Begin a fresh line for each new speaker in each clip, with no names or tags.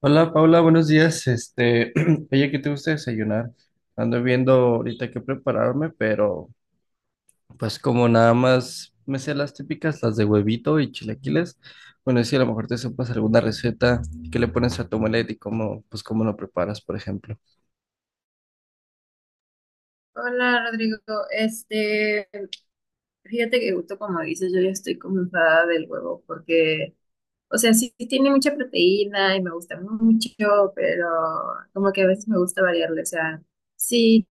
Hola Paula, buenos días. Oye, ¿qué te gusta desayunar? Ando viendo ahorita qué prepararme, pero pues como nada más me sé las típicas, las de huevito y chilaquiles, bueno, si a lo mejor te sepas alguna receta que le pones a tu omelette y cómo lo preparas, por ejemplo.
Hola Rodrigo, este, fíjate que justo como dices, yo ya estoy como enfadada del huevo porque, o sea, sí tiene mucha proteína y me gusta mucho, pero como que a veces me gusta variarle, o sea, sí.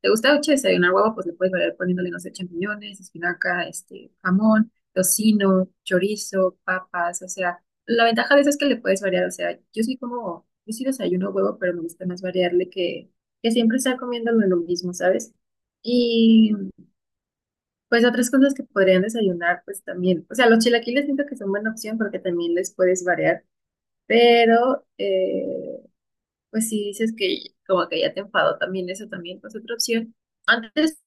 ¿Te gusta mucho desayunar huevo? Pues le puedes variar poniéndole, no sé, champiñones, espinaca, este, jamón, tocino, chorizo, papas, o sea, la ventaja de eso es que le puedes variar, o sea, yo sí como, yo sí desayuno huevo, pero me gusta más variarle que siempre estar comiéndolo lo mismo, ¿sabes? Y pues otras cosas que podrían desayunar, pues también, o sea, los chilaquiles siento que son buena opción porque también les puedes variar, pero pues si dices que como que ya te enfadó también eso también, pues otra opción. Antes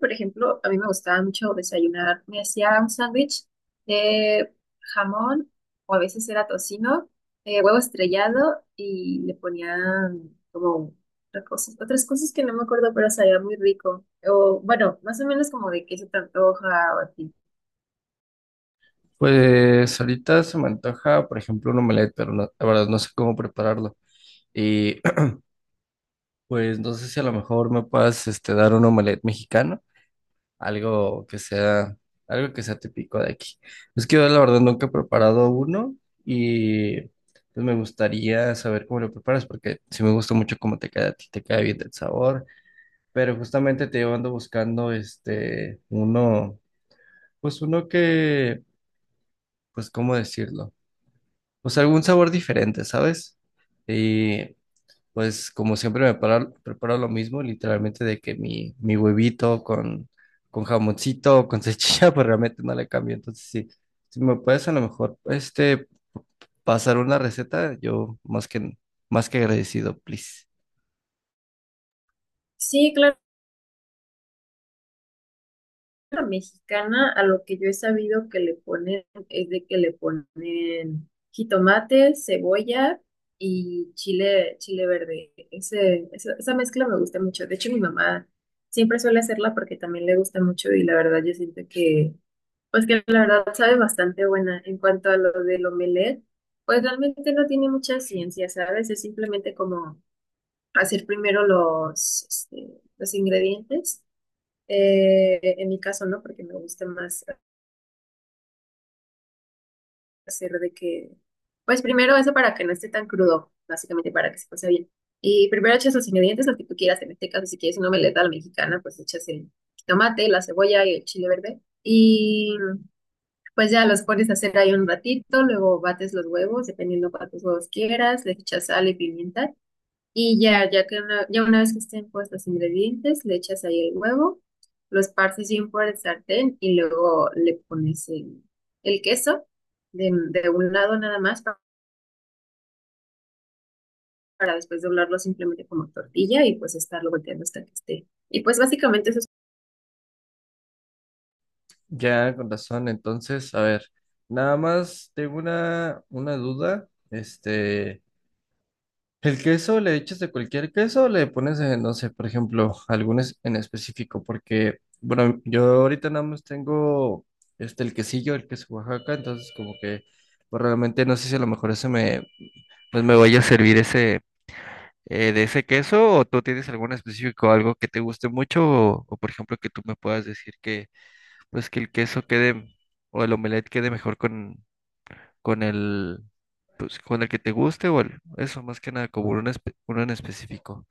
por ejemplo, a mí me gustaba mucho desayunar. Me hacía un sándwich de jamón, o a veces era tocino, huevo estrellado, y le ponían como otras cosas que no me acuerdo, pero sabía muy rico. O bueno, más o menos como de qué se te antoja o así.
Pues ahorita se me antoja, por ejemplo, un omelette, pero la verdad no sé cómo prepararlo. Y pues no sé si a lo mejor me puedas dar un omelette mexicano, algo que sea, algo que sea típico de aquí. Es que yo la verdad nunca he preparado uno y pues me gustaría saber cómo lo preparas porque sí me gusta mucho cómo te queda a ti, te queda bien el sabor, pero justamente te digo, ando buscando uno, pues uno que, pues cómo decirlo, pues algún sabor diferente, ¿sabes? Y pues como siempre preparo lo mismo, literalmente de que mi huevito con jamoncito, con cechilla, pues realmente no le cambio. Entonces, sí, si me puedes a lo mejor pasar una receta, yo más que agradecido, please.
Sí, claro. La mexicana, a lo que yo he sabido que le ponen, es de que le ponen jitomate, cebolla y chile, chile verde. Esa mezcla me gusta mucho. De hecho, mi mamá siempre suele hacerla porque también le gusta mucho y la verdad yo siento que, pues que la verdad sabe bastante buena. En cuanto a lo del omelette, pues realmente no tiene mucha ciencia, ¿sabes? Es simplemente como hacer primero los, este, los ingredientes en mi caso, ¿no? Porque me gusta más hacer de que, pues primero eso para que no esté tan crudo, básicamente para que se pase bien. Y primero echas los ingredientes, los que tú quieras, en este caso, si quieres una meleta a la mexicana, pues echas el tomate, la cebolla y el chile verde. Y pues ya los pones a hacer ahí un ratito, luego bates los huevos, dependiendo cuántos huevos quieras, le echas sal y pimienta. Y ya, ya una vez que estén puestos los ingredientes, le echas ahí el huevo, los partes bien por el sartén y luego le pones el queso de un lado nada más para, después doblarlo simplemente como tortilla y pues estarlo volteando hasta que esté. Y pues básicamente eso es.
Ya, con razón. Entonces, a ver, nada más tengo una duda. El queso le echas de cualquier queso, le pones, no sé, por ejemplo, algunos en específico, porque, bueno, yo ahorita nada más tengo el quesillo, el queso Oaxaca, entonces como que, pues realmente no sé si a lo mejor ese me, pues me vaya a servir ese, de ese queso, o tú tienes algún específico, algo que te guste mucho, o, por ejemplo que tú me puedas decir que, pues que el queso quede, o el omelette quede mejor con el, pues con el que te guste, o eso, más que nada, como uno en específico.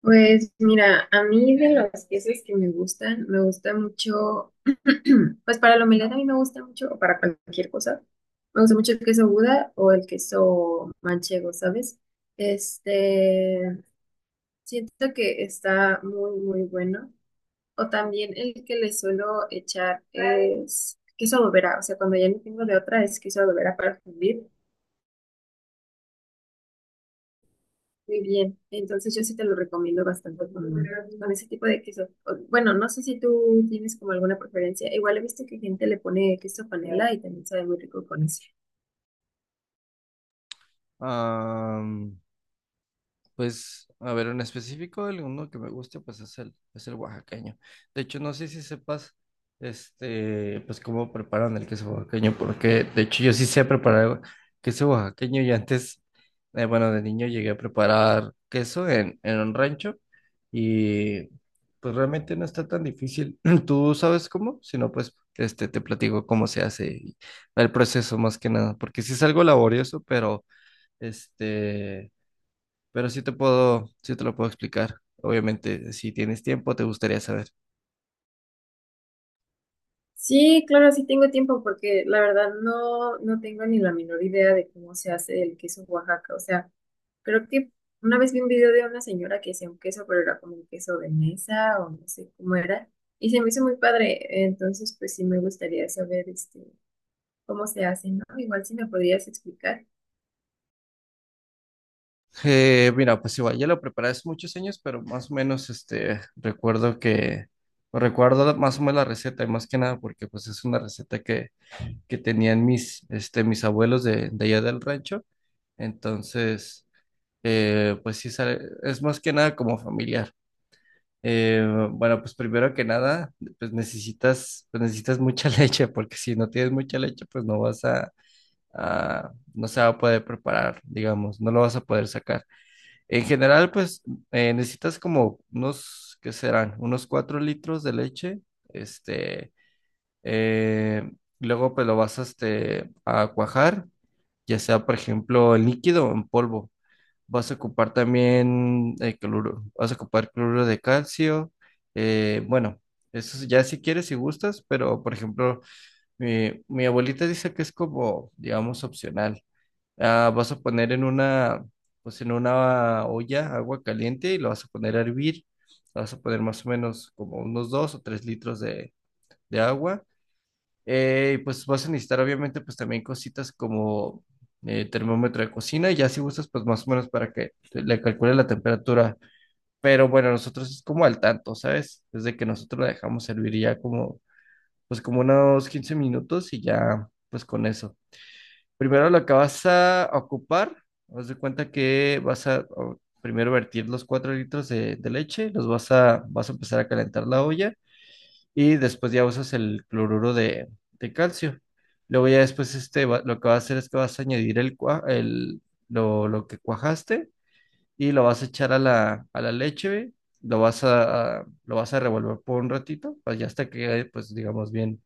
Pues mira, a mí de los quesos que me gustan, me gusta mucho. Pues para la humildad a mí me gusta mucho, o para cualquier cosa, me gusta mucho el queso Buda o el queso manchego, ¿sabes? Este, siento que está muy, muy bueno. O también el que le suelo echar es queso bobera, o sea, cuando ya no tengo de otra es queso bobera para fundir. Muy bien, entonces yo sí te lo recomiendo bastante con ese tipo de queso. O bueno, no sé si tú tienes como alguna preferencia. Igual he visto que gente le pone queso panela y también sabe muy rico con eso.
Am, pues, a ver, en específico, el uno que me gusta, pues es el oaxaqueño. De hecho, no sé si sepas, pues cómo preparan el queso oaxaqueño, porque de hecho yo sí sé preparar queso oaxaqueño y antes, bueno, de niño llegué a preparar queso en un rancho y pues realmente no está tan difícil. ¿Tú sabes cómo? Si no, pues, te platico cómo se hace y el proceso más que nada, porque sí es algo laborioso, pero... Este, pero sí te lo puedo explicar. Obviamente, si tienes tiempo, te gustaría saber.
Sí, claro, sí tengo tiempo porque la verdad no, no tengo ni la menor idea de cómo se hace el queso Oaxaca. O sea, creo que una vez vi un video de una señora que hacía un queso, pero era como un queso de mesa o no sé cómo era. Y se me hizo muy padre. Entonces, pues sí me gustaría saber este, cómo se hace, ¿no? Igual si me podrías explicar.
Mira, pues igual, ya lo preparé hace muchos años, pero más o menos, recuerdo más o menos la receta, y más que nada porque, pues, es una receta que tenían mis abuelos de allá del rancho. Entonces, pues sí, es más que nada como familiar. Eh, bueno, pues primero que nada, pues necesitas mucha leche, porque si no tienes mucha leche, pues no vas no se va a poder preparar, digamos, no lo vas a poder sacar. En general, pues necesitas como unos, ¿qué serán? Unos 4 litros de leche, este, eh, luego pues lo vas a, a cuajar, ya sea, por ejemplo, en líquido o en polvo. Vas a ocupar también cloruro, vas a ocupar cloruro de calcio. Bueno, eso es ya si quieres, y gustas, pero por ejemplo, mi abuelita dice que es como, digamos, opcional. Vas a poner en una olla agua caliente y lo vas a poner a hervir. Vas a poner más o menos como unos 2 o 3 litros de agua, y pues vas a necesitar obviamente pues también cositas como termómetro de cocina y ya si gustas pues más o menos para que le calcule la temperatura. Pero bueno, nosotros es como al tanto, ¿sabes? Desde que nosotros la dejamos hervir ya como pues como unos 15 minutos y ya pues con eso. Primero lo que vas a ocupar, haz de cuenta que vas a primero vertir los 4 litros de leche, los vas a empezar a calentar la olla y después ya usas el cloruro de calcio. Luego ya después lo que vas a hacer es que vas a añadir el, cua- el, lo que cuajaste y lo vas a echar a la leche, güey. Lo vas a revolver por un ratito, pues ya hasta que quede, pues digamos, bien,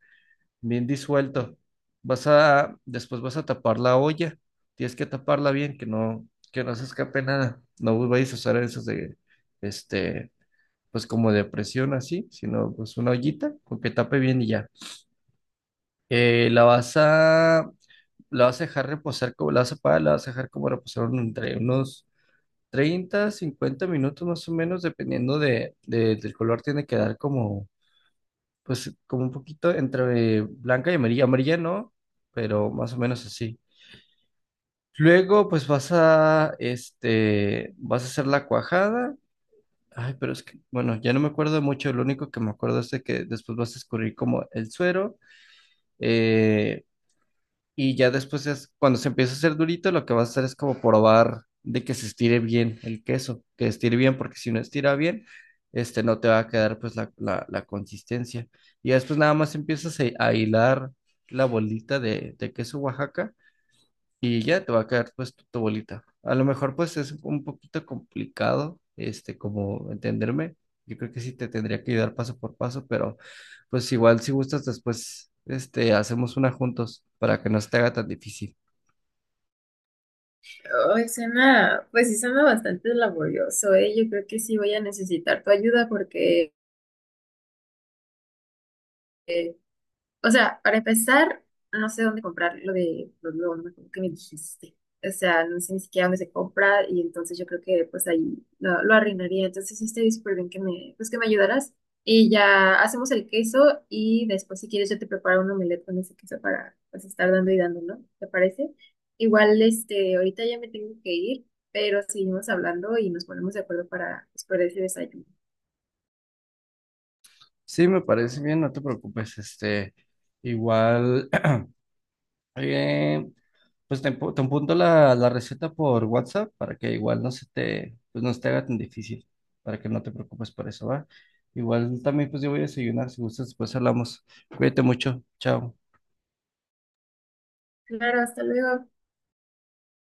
bien disuelto. Después vas a tapar la olla. Tienes que taparla bien, que no se escape nada. No vayas a usar esos este, pues como de presión así, sino pues una ollita con que tape bien y ya. Eh, la vas a, la vas a dejar reposar, como, la vas a apagar, la vas a dejar como reposar entre unos 30, 50 minutos más o menos, dependiendo del color, tiene que dar como, pues como un poquito entre blanca y amarilla, amarilla no, pero más o menos así. Luego, pues vas a hacer la cuajada. Ay, pero es que, bueno, ya no me acuerdo mucho, lo único que me acuerdo es de que después vas a escurrir como el suero, eh, y ya después cuando se empieza a hacer durito, lo que vas a hacer es como probar de que se estire bien el queso, que estire bien, porque si no estira bien, no te va a quedar pues la consistencia. Y ya después nada más empiezas a hilar la bolita de queso Oaxaca y ya te va a caer pues tu bolita. A lo mejor pues es un poquito complicado, como entenderme. Yo creo que sí te tendría que ayudar paso por paso, pero pues igual si gustas después, hacemos una juntos para que no se te haga tan difícil.
Ay, suena, pues sí suena bastante laborioso, ¿eh? Yo creo que sí voy a necesitar tu ayuda porque, o sea, para empezar, no sé dónde comprar lo de los globos, ¿no? Que me dijiste. O sea, no sé ni siquiera dónde se compra y entonces yo creo que pues ahí lo arruinaría. Entonces sí estaría súper bien que pues, que me ayudaras. Y ya hacemos el queso y después si quieres yo te preparo un omelette con ese queso para pues estar dando y dando, ¿no? ¿Te parece? Igual, este, ahorita ya me tengo que ir, pero seguimos hablando y nos ponemos de acuerdo para, pues, para ese desayuno.
Sí, me parece bien, no te preocupes, igual, eh, pues te apunto la receta por WhatsApp para que igual no se te haga tan difícil, para que no te preocupes por eso, ¿va? Igual también pues yo voy a desayunar, si gustas, después hablamos. Cuídate mucho, chao.
Claro, hasta luego.